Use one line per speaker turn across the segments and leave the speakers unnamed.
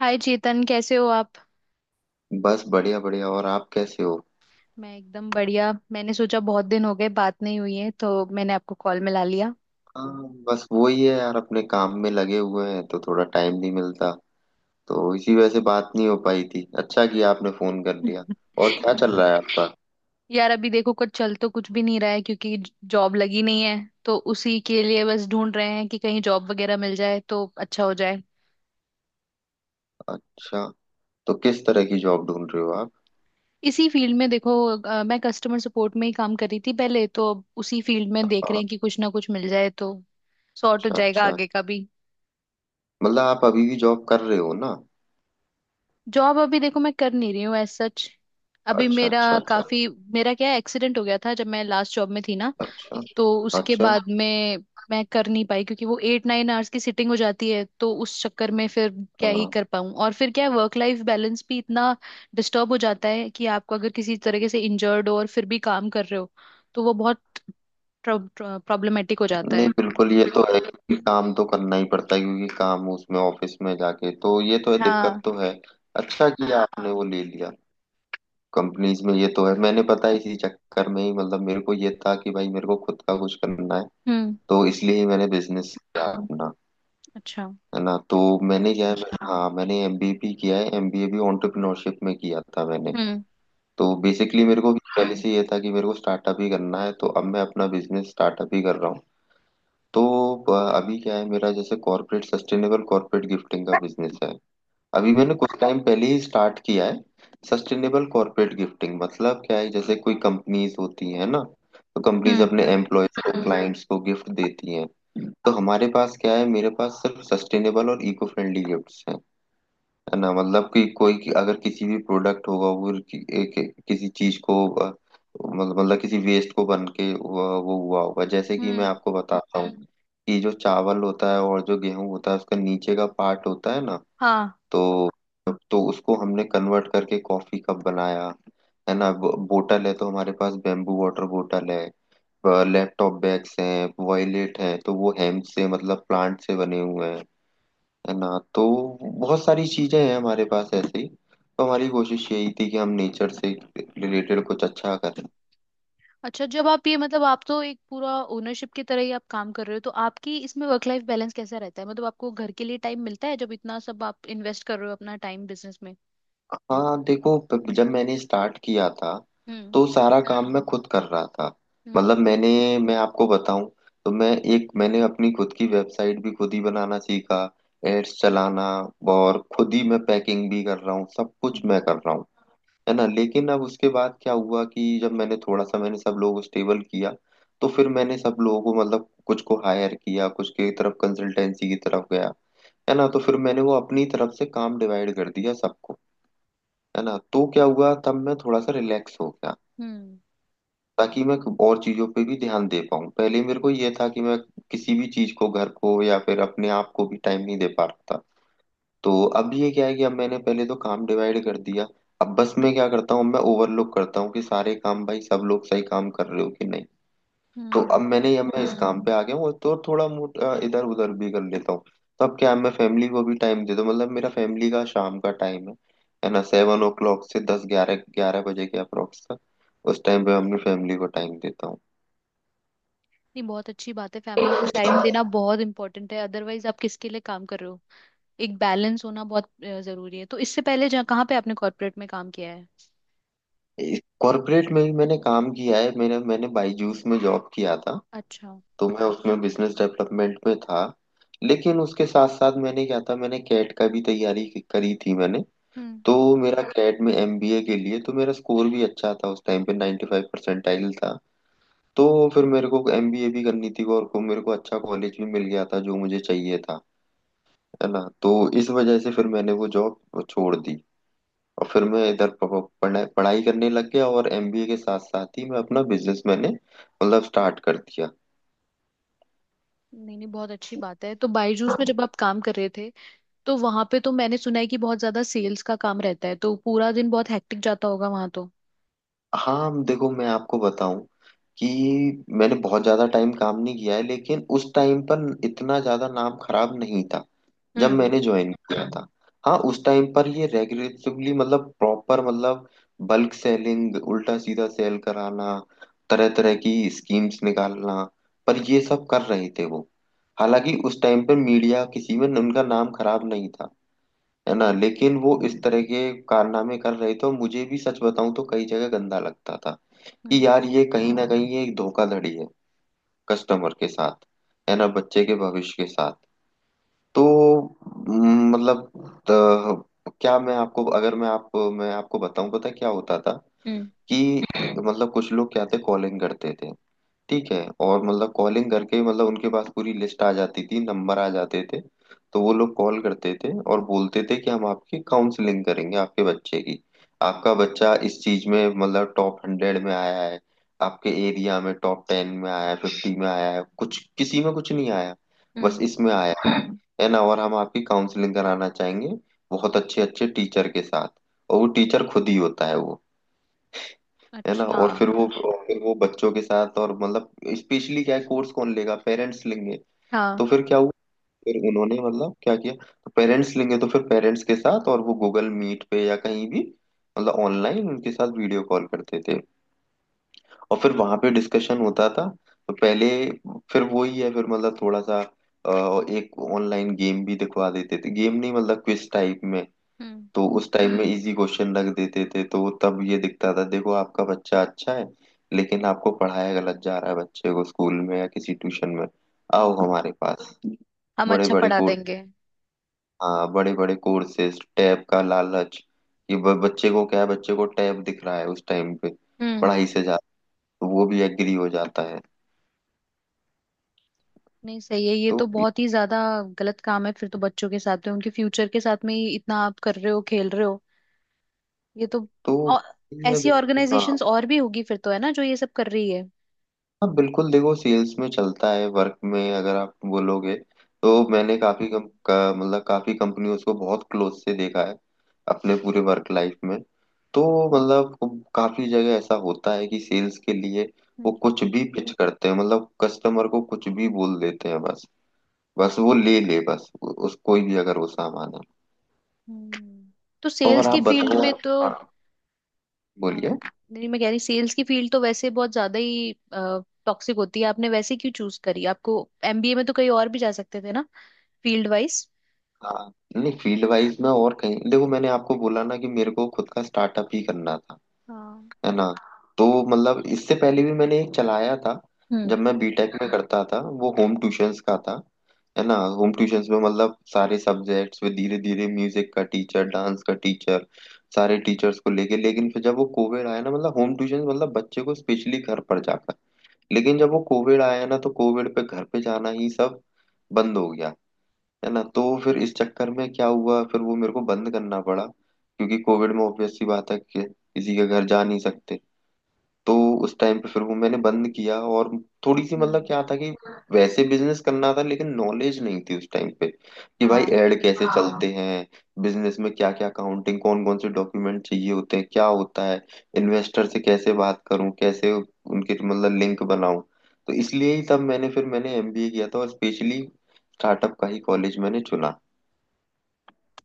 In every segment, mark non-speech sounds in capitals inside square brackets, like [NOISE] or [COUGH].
हाय चेतन, कैसे हो आप।
बस बढ़िया बढ़िया। और आप कैसे हो?
मैं एकदम बढ़िया। मैंने सोचा बहुत दिन हो गए, बात नहीं हुई है, तो मैंने आपको कॉल मिला लिया।
हाँ, बस वही है यार, अपने काम में लगे हुए हैं तो थोड़ा टाइम नहीं मिलता। तो इसी वजह से बात नहीं हो पाई थी। अच्छा किया आपने फोन कर लिया।
[LAUGHS]
और क्या चल रहा है आपका?
यार अभी देखो, कुछ चल तो कुछ भी नहीं रहा है, क्योंकि जॉब लगी नहीं है। तो उसी के लिए बस ढूंढ रहे हैं कि कहीं जॉब वगैरह मिल जाए तो अच्छा हो जाए।
अच्छा। तो किस तरह की जॉब ढूंढ रहे हो आप?
इसी फील्ड में देखो मैं कस्टमर सपोर्ट में ही काम कर रही थी पहले, तो अब उसी फील्ड में देख रहे
हाँ,
हैं कि कुछ ना कुछ मिल जाए तो सॉर्ट हो
अच्छा
जाएगा
अच्छा।
आगे का भी।
मतलब आप अभी भी जॉब कर रहे हो ना?
जॉब अभी देखो, मैं कर नहीं रही हूँ एज सच। अभी
अच्छा
मेरा
अच्छा अच्छा।
काफी, मेरा क्या एक्सीडेंट हो गया था जब मैं लास्ट जॉब में थी ना।
अच्छा।
तो उसके
अच्छा।
बाद में मैं कर नहीं पाई, क्योंकि वो 8-9 आवर्स की सिटिंग हो जाती है। तो उस चक्कर में फिर क्या ही
हाँ।
कर पाऊँ, और फिर क्या वर्क लाइफ बैलेंस भी इतना डिस्टर्ब हो जाता है कि आपको अगर किसी तरीके से इंजर्ड हो और फिर भी काम कर रहे हो, तो वो बहुत प्रॉब्लमेटिक हो जाता
नहीं
है।
बिल्कुल, ये तो है कि काम तो करना ही पड़ता है, क्योंकि काम उसमें ऑफिस में जाके, तो ये तो है, दिक्कत
हाँ।
तो है। अच्छा किया आपने वो ले लिया। कंपनीज में ये तो है, मैंने पता है, इसी चक्कर में ही मतलब मेरे को ये था कि भाई मेरे को खुद का कुछ करना है।
हम्म।
तो इसलिए ही मैंने बिजनेस किया अपना।
अच्छा।
है ना? तो मैंने क्या है हाँ, मैंने एमबीए किया है। एमबीए भी एंटरप्रेन्योरशिप में किया था मैंने।
हम्म।
तो बेसिकली मेरे को पहले से ये था कि मेरे को स्टार्टअप ही करना है। तो अब मैं अपना बिजनेस स्टार्टअप ही कर रहा हूँ। तो अभी क्या है, मेरा जैसे कॉर्पोरेट, सस्टेनेबल कॉर्पोरेट गिफ्टिंग का बिजनेस है। अभी मैंने कुछ टाइम पहले ही स्टार्ट किया है। सस्टेनेबल कॉर्पोरेट गिफ्टिंग मतलब क्या है, जैसे कोई कंपनीज होती है ना, तो कंपनीज
हम्म।
अपने एम्प्लॉयज को, क्लाइंट्स को गिफ्ट देती हैं। तो हमारे पास क्या है, मेरे पास सिर्फ सस्टेनेबल और इको फ्रेंडली गिफ्ट्स हैं। है ना? मतलब कि कोई, कि अगर किसी भी प्रोडक्ट होगा वो किसी चीज को मतलब किसी वेस्ट को बन के वो हुआ होगा। जैसे कि मैं
हम्म।
आपको बताता हूँ, कि जो चावल होता है और जो गेहूं होता है, उसका नीचे का पार्ट होता है ना,
हाँ।
तो तो उसको हमने कन्वर्ट करके कॉफी कप बनाया। है ना? बोतल है तो हमारे पास बेम्बू वाटर बोतल है। लैपटॉप बैग्स हैं, वॉयलेट है तो वो हेम्प से, मतलब प्लांट से बने हुए हैं। है ना? तो बहुत सारी चीजें हैं हमारे पास ऐसी। तो हमारी कोशिश यही थी कि हम नेचर से रिलेटेड कुछ अच्छा करें।
अच्छा, जब आप ये, मतलब आप तो एक पूरा ओनरशिप की तरह ही आप काम कर रहे हो, तो आपकी इसमें वर्क लाइफ बैलेंस कैसा रहता है? मतलब आपको घर के लिए टाइम मिलता है, जब इतना सब आप इन्वेस्ट कर रहे हो अपना टाइम बिजनेस में?
हाँ देखो, जब मैंने स्टार्ट किया था
हम्म।
तो सारा काम मैं खुद कर रहा था।
हम्म।
मतलब मैंने, मैं आपको बताऊं, तो मैं, एक, मैंने अपनी खुद की वेबसाइट भी खुद ही बनाना सीखा, एड्स चलाना, और खुद ही मैं पैकिंग भी कर रहा हूँ, सब कुछ
हम्म।
मैं कर रहा हूँ। है ना? लेकिन अब उसके बाद क्या हुआ कि जब मैंने थोड़ा सा, मैंने सब लोगों को स्टेबल किया, तो फिर मैंने सब लोगों को मतलब कुछ को हायर किया, कुछ की तरफ कंसल्टेंसी की तरफ गया। है ना? तो फिर मैंने वो अपनी तरफ से काम डिवाइड कर दिया सबको। है ना? तो क्या हुआ, तब मैं थोड़ा सा रिलैक्स हो गया,
हम्म।
ताकि मैं और चीजों पे भी ध्यान दे पाऊँ। पहले मेरे को ये था कि मैं किसी भी चीज को, घर को या फिर अपने आप को भी टाइम नहीं दे पा रहा था। तो अब ये क्या है कि अब मैंने पहले तो काम डिवाइड कर दिया। अब बस मैं क्या करता हूँ, मैं ओवरलोक करता हूँ कि सारे काम, भाई सब लोग सही काम कर रहे हो कि नहीं। तो
हम्म।
अब मैं इस काम पे आ गया हूँ, और तो थोड़ा मोट, इधर उधर भी कर लेता हूँ। तो अब क्या है, मैं फैमिली को भी टाइम देता हूँ, मतलब मेरा फैमिली का शाम का टाइम है। है ना? 7 o'clock से दस ग्यारह ग्यारह बजे के अप्रोक्स तक, उस टाइम पे अपनी फैमिली को टाइम देता हूँ।
नहीं, बहुत अच्छी बात है। फैमिली को टाइम देना बहुत इंपॉर्टेंट है, अदरवाइज आप किसके लिए काम कर रहे हो। एक बैलेंस होना बहुत जरूरी है। तो इससे पहले जहाँ कहाँ पे आपने कॉर्पोरेट में काम किया है?
कॉर्पोरेट में भी मैंने काम किया है। मेरा मैंने बाईजूस में जॉब किया था।
अच्छा।
तो मैं उसमें बिजनेस डेवलपमेंट में था। लेकिन उसके साथ साथ मैंने क्या था, मैंने कैट का भी तैयारी करी थी मैंने।
हम्म।
तो मेरा कैट में एमबीए के लिए तो मेरा स्कोर भी अच्छा था, उस टाइम पे 95 परसेंटाइल था। तो फिर मेरे को एमबीए भी करनी थी, और को मेरे को अच्छा कॉलेज भी मिल गया था जो मुझे चाहिए था। है ना? तो इस वजह से फिर मैंने वो जॉब छोड़ दी। और फिर मैं इधर पढ़ाई पढ़ाई करने लग गया, और एमबीए के साथ साथ ही मैं अपना बिजनेस मैंने मतलब स्टार्ट कर दिया।
नहीं नहीं, बहुत अच्छी बात है। तो बायजूस में जब आप काम कर रहे थे, तो वहां पे तो मैंने सुना है कि बहुत ज्यादा सेल्स का काम रहता है। तो पूरा दिन बहुत हेक्टिक जाता होगा वहां तो।
हाँ देखो, मैं आपको बताऊं कि मैंने बहुत ज्यादा टाइम काम नहीं किया है, लेकिन उस टाइम पर इतना ज्यादा नाम खराब नहीं था जब
हम्म।
मैंने ज्वाइन किया था। हाँ, उस टाइम पर ये रेगुलेटिवली मतलब प्रॉपर, मतलब बल्क सेलिंग, उल्टा सीधा सेल कराना, तरह तरह की स्कीम्स निकालना, पर ये सब कर रहे थे वो। हालांकि उस टाइम पर मीडिया किसी में उनका नाम खराब नहीं था। है ना?
हम्म।
लेकिन वो इस तरह के कारनामे कर रहे थे। और मुझे भी सच बताऊं तो कई जगह गंदा लगता था, कि
हम्म।
यार ये कहीं ना कहीं ये एक धोखाधड़ी है कस्टमर के साथ। है ना? बच्चे के भविष्य के साथ। तो मतलब त- क्या मैं आपको अगर मैं आप मैं आपको बताऊं, पता है क्या होता था
हम्म।
कि मतलब कुछ लोग क्या थे, कॉलिंग करते थे। ठीक है? और मतलब कॉलिंग करके मतलब उनके पास पूरी लिस्ट आ जाती थी, नंबर आ जाते थे। तो वो लोग कॉल करते थे और बोलते थे कि हम आपकी काउंसलिंग करेंगे आपके बच्चे की। आपका बच्चा इस चीज में मतलब टॉप 100 में आया है, आपके एरिया में टॉप 10 में आया है, 50 में आया है, कुछ किसी में कुछ नहीं आया, बस
हम्म,
इसमें आया है। है ना? और हम आपकी काउंसलिंग कराना चाहेंगे बहुत अच्छे अच्छे टीचर के साथ। और वो टीचर खुद ही होता है वो। है ना?
अच्छा।
और
हाँ।
फिर वो, फिर वो बच्चों के साथ और मतलब स्पेशली क्या है कोर्स कौन लेगा, पेरेंट्स लेंगे। तो
हाँ।
फिर क्या हुआ, फिर उन्होंने मतलब क्या किया, तो पेरेंट्स लेंगे तो फिर पेरेंट्स के साथ, और वो गूगल मीट पे या कहीं भी मतलब ऑनलाइन उनके साथ वीडियो कॉल करते थे, और फिर वहां पे डिस्कशन होता था। तो पहले, फिर वही है, फिर मतलब थोड़ा सा एक ऑनलाइन गेम भी दिखवा देते थे, गेम नहीं मतलब क्विज टाइप में।
हम्म।
तो उस टाइम में इजी क्वेश्चन रख देते थे, तो तब ये दिखता था, देखो आपका बच्चा अच्छा है, लेकिन आपको पढ़ाया गलत जा रहा है बच्चे को, स्कूल में या किसी ट्यूशन में। आओ
हम्म।
हमारे पास।
हम
बड़े
अच्छा
बड़े
पढ़ा
कोर्स।
देंगे।
हाँ, बड़े बड़े कोर्सेज, टैब का लालच, कि बच्चे को क्या है, बच्चे को टैब दिख रहा है उस टाइम पे
हम्म।
पढ़ाई से ज्यादा, तो वो भी एग्री हो जाता है।
नहीं सही है, ये
तो
तो बहुत ही ज्यादा गलत काम है फिर तो। बच्चों के साथ में, उनके फ्यूचर के साथ में ही इतना आप कर रहे हो, खेल रहे हो ये तो।
तो
और
ये
ऐसी
बिल्कुल, हाँ।
ऑर्गेनाइजेशंस और भी होगी फिर तो है ना, जो ये सब कर रही है।
हाँ बिल्कुल, देखो सेल्स में चलता है वर्क में, अगर आप बोलोगे तो
हम्म।
मैंने मतलब काफी कंपनियों को बहुत क्लोज से देखा है अपने पूरे वर्क लाइफ में। तो मतलब काफी जगह ऐसा होता है कि सेल्स के लिए वो
हम्म,
कुछ भी पिच करते हैं, मतलब कस्टमर को कुछ भी बोल देते हैं बस, बस वो ले ले, बस उस कोई भी अगर वो सामान है।
हम्म। तो सेल्स
और आप
की फील्ड
बताओ।
में तो
हाँ,
अ,
बोलिए।
नहीं, मैं कह रही सेल्स की फील्ड तो वैसे बहुत ज्यादा ही टॉक्सिक होती है। आपने वैसे क्यों चूज करी? आपको एमबीए में तो कहीं और भी जा सकते थे ना, फील्ड वाइज।
हाँ नहीं, फील्ड वाइज में और कहीं, देखो मैंने आपको बोला ना कि मेरे को खुद का स्टार्टअप ही करना था।
हाँ।
है ना? तो मतलब इससे पहले भी मैंने एक चलाया था,
हम्म।
जब मैं बीटेक में हाँ करता था, वो होम ट्यूशंस का था। है ना? होम ट्यूशंस में मतलब सारे सब्जेक्ट्स में, धीरे धीरे म्यूजिक का टीचर, डांस का टीचर, सारे टीचर्स को लेके। लेकिन फिर जब वो कोविड आया ना, मतलब होम ट्यूशन मतलब बच्चे को स्पेशली घर पर जाकर, लेकिन जब वो कोविड आया ना तो कोविड पे घर पे जाना ही सब बंद हो गया। है ना? तो फिर इस चक्कर में क्या हुआ, फिर वो मेरे को बंद करना पड़ा, क्योंकि कोविड में ऑब्वियस सी बात है कि किसी के घर जा नहीं सकते। तो उस टाइम पे फिर वो मैंने बंद किया। और थोड़ी सी मतलब
हम्म।
क्या था कि वैसे बिजनेस करना था, लेकिन नॉलेज नहीं थी उस टाइम पे कि भाई
हाँ।
ऐड कैसे चलते चलते हैं, बिजनेस में क्या क्या, अकाउंटिंग, कौन कौन से डॉक्यूमेंट चाहिए होते हैं, क्या होता है, इन्वेस्टर से कैसे बात करूं, कैसे उनके मतलब लिंक बनाऊं। तो इसलिए ही तब मैंने, फिर मैंने एमबीए किया था, और स्पेशली स्टार्टअप का ही कॉलेज मैंने चुना।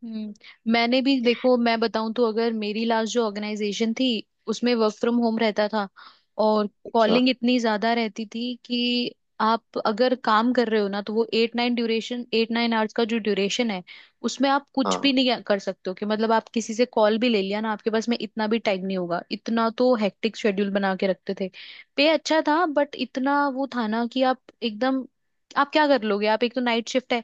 हम्म। मैंने भी, देखो मैं बताऊं तो, अगर मेरी लास्ट जो ऑर्गेनाइजेशन थी, उसमें वर्क फ्रॉम होम रहता था और
अच्छा।
कॉलिंग इतनी ज्यादा रहती थी कि आप अगर काम कर रहे हो ना, तो वो 8-9 ड्यूरेशन, 8-9 आवर्स का जो ड्यूरेशन है, उसमें आप कुछ भी
हाँ।
नहीं कर सकते हो। कि मतलब आप किसी से कॉल भी ले लिया ना, आपके पास में इतना भी टाइम नहीं होगा। इतना तो हेक्टिक शेड्यूल बना के रखते थे। पे अच्छा था, बट इतना वो था ना कि आप एकदम, आप क्या कर लोगे? आप एक तो नाइट शिफ्ट है,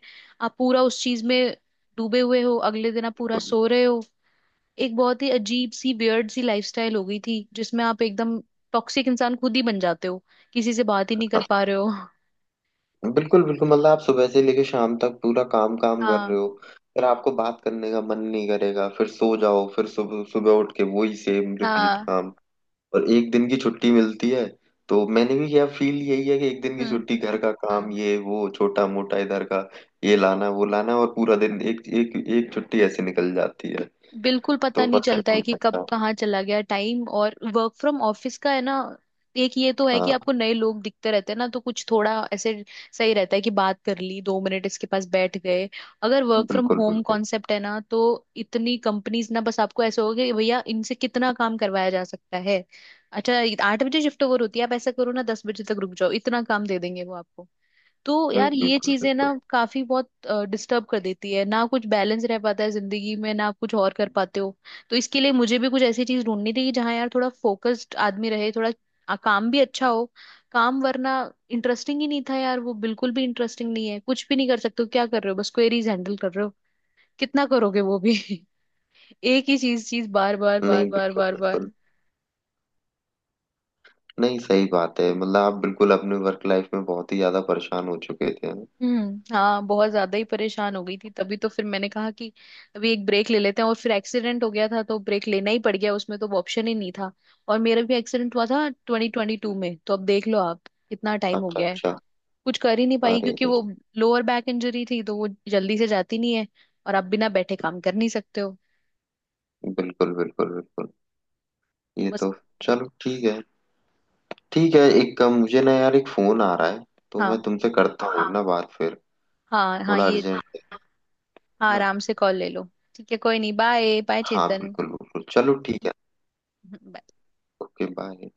आप पूरा उस चीज में डूबे हुए हो, अगले दिन आप पूरा
तो-
सो रहे हो। एक बहुत ही अजीब सी, वियर्ड सी लाइफस्टाइल हो गई थी, जिसमें आप एकदम टॉक्सिक इंसान खुद ही बन जाते हो, किसी से बात ही नहीं कर पा रहे हो।
बिल्कुल बिल्कुल, मतलब आप सुबह से लेके शाम तक पूरा काम काम कर रहे
हाँ।
हो, फिर आपको बात करने का मन नहीं करेगा, फिर सो जाओ, फिर सुबह सुबह उठ के वही सेम रिपीट
हाँ।
काम। और एक दिन की छुट्टी मिलती है, तो मैंने भी किया फील यही है कि एक दिन की
हम्म।
छुट्टी, घर का काम, ये वो छोटा मोटा, इधर का ये लाना, वो लाना, और पूरा दिन एक एक एक छुट्टी ऐसे निकल जाती है।
बिल्कुल पता
तो
नहीं
पता
चलता है
नहीं
कि कब
चलता।
कहाँ चला गया टाइम। और वर्क फ्रॉम ऑफिस का है ना, एक ये तो है कि
हाँ
आपको नए लोग दिखते रहते हैं ना, तो कुछ थोड़ा ऐसे सही रहता है कि बात कर ली 2 मिनट, इसके पास बैठ गए। अगर वर्क फ्रॉम
बिल्कुल बिल्कुल।
होम कॉन्सेप्ट है ना, तो इतनी कंपनीज ना, बस आपको ऐसे होगा कि भैया इनसे कितना काम करवाया जा सकता है। अच्छा, 8 बजे शिफ्ट ओवर होती है, आप ऐसा करो ना 10 बजे तक रुक जाओ, इतना काम दे देंगे वो आपको। तो यार ये
बिल्कुल
चीजें ना
बिल्कुल।
काफी बहुत डिस्टर्ब कर देती है ना, कुछ बैलेंस रह पाता है जिंदगी में ना, कुछ और कर पाते हो। तो इसके लिए मुझे भी कुछ ऐसी चीज ढूंढनी थी कि जहाँ यार थोड़ा फोकस्ड आदमी रहे, थोड़ा काम भी अच्छा हो, काम वरना इंटरेस्टिंग ही नहीं था यार वो। बिल्कुल भी इंटरेस्टिंग नहीं है, कुछ भी नहीं कर सकते हो, क्या कर रहे हो, बस क्वेरीज हैंडल कर रहे हो। कितना करोगे वो भी। [LAUGHS] एक ही चीज, बार बार बार
नहीं
बार
बिल्कुल
बार
बिल्कुल।
बार।
नहीं सही बात है, मतलब आप बिल्कुल अपने वर्क लाइफ में बहुत ही ज्यादा परेशान हो चुके थे।
हम्म, हाँ, बहुत ज्यादा ही परेशान हो गई थी, तभी तो फिर मैंने कहा कि अभी एक ब्रेक ले लेते हैं। और फिर एक्सीडेंट हो गया था, तो ब्रेक लेना ही पड़ गया उसमें, तो अब ऑप्शन ही नहीं था। और मेरा भी एक्सीडेंट हुआ था 2022 में, तो अब देख लो आप कितना टाइम हो
अच्छा
गया है।
अच्छा।
कुछ कर ही नहीं पाई,
अरे
क्योंकि
रे।
वो लोअर बैक इंजरी थी, तो वो जल्दी से जाती नहीं है। और आप बिना बैठे काम कर नहीं सकते हो।
बिल्कुल बिल्कुल बिल्कुल।
तो
ये
बस।
तो, चलो ठीक है। ठीक है, एक काम, मुझे ना यार एक फोन आ रहा है, तो मैं
हाँ।
तुमसे करता हूँ ना बात फिर,
हाँ, हाँ,
थोड़ा
ये।
अर्जेंट है।
हाँ,
ना।
आराम से कॉल ले लो। ठीक है कोई नहीं, बाय बाय
हाँ
चेतन।
बिल्कुल बिल्कुल, चलो ठीक है।
[LAUGHS]
Okay bye.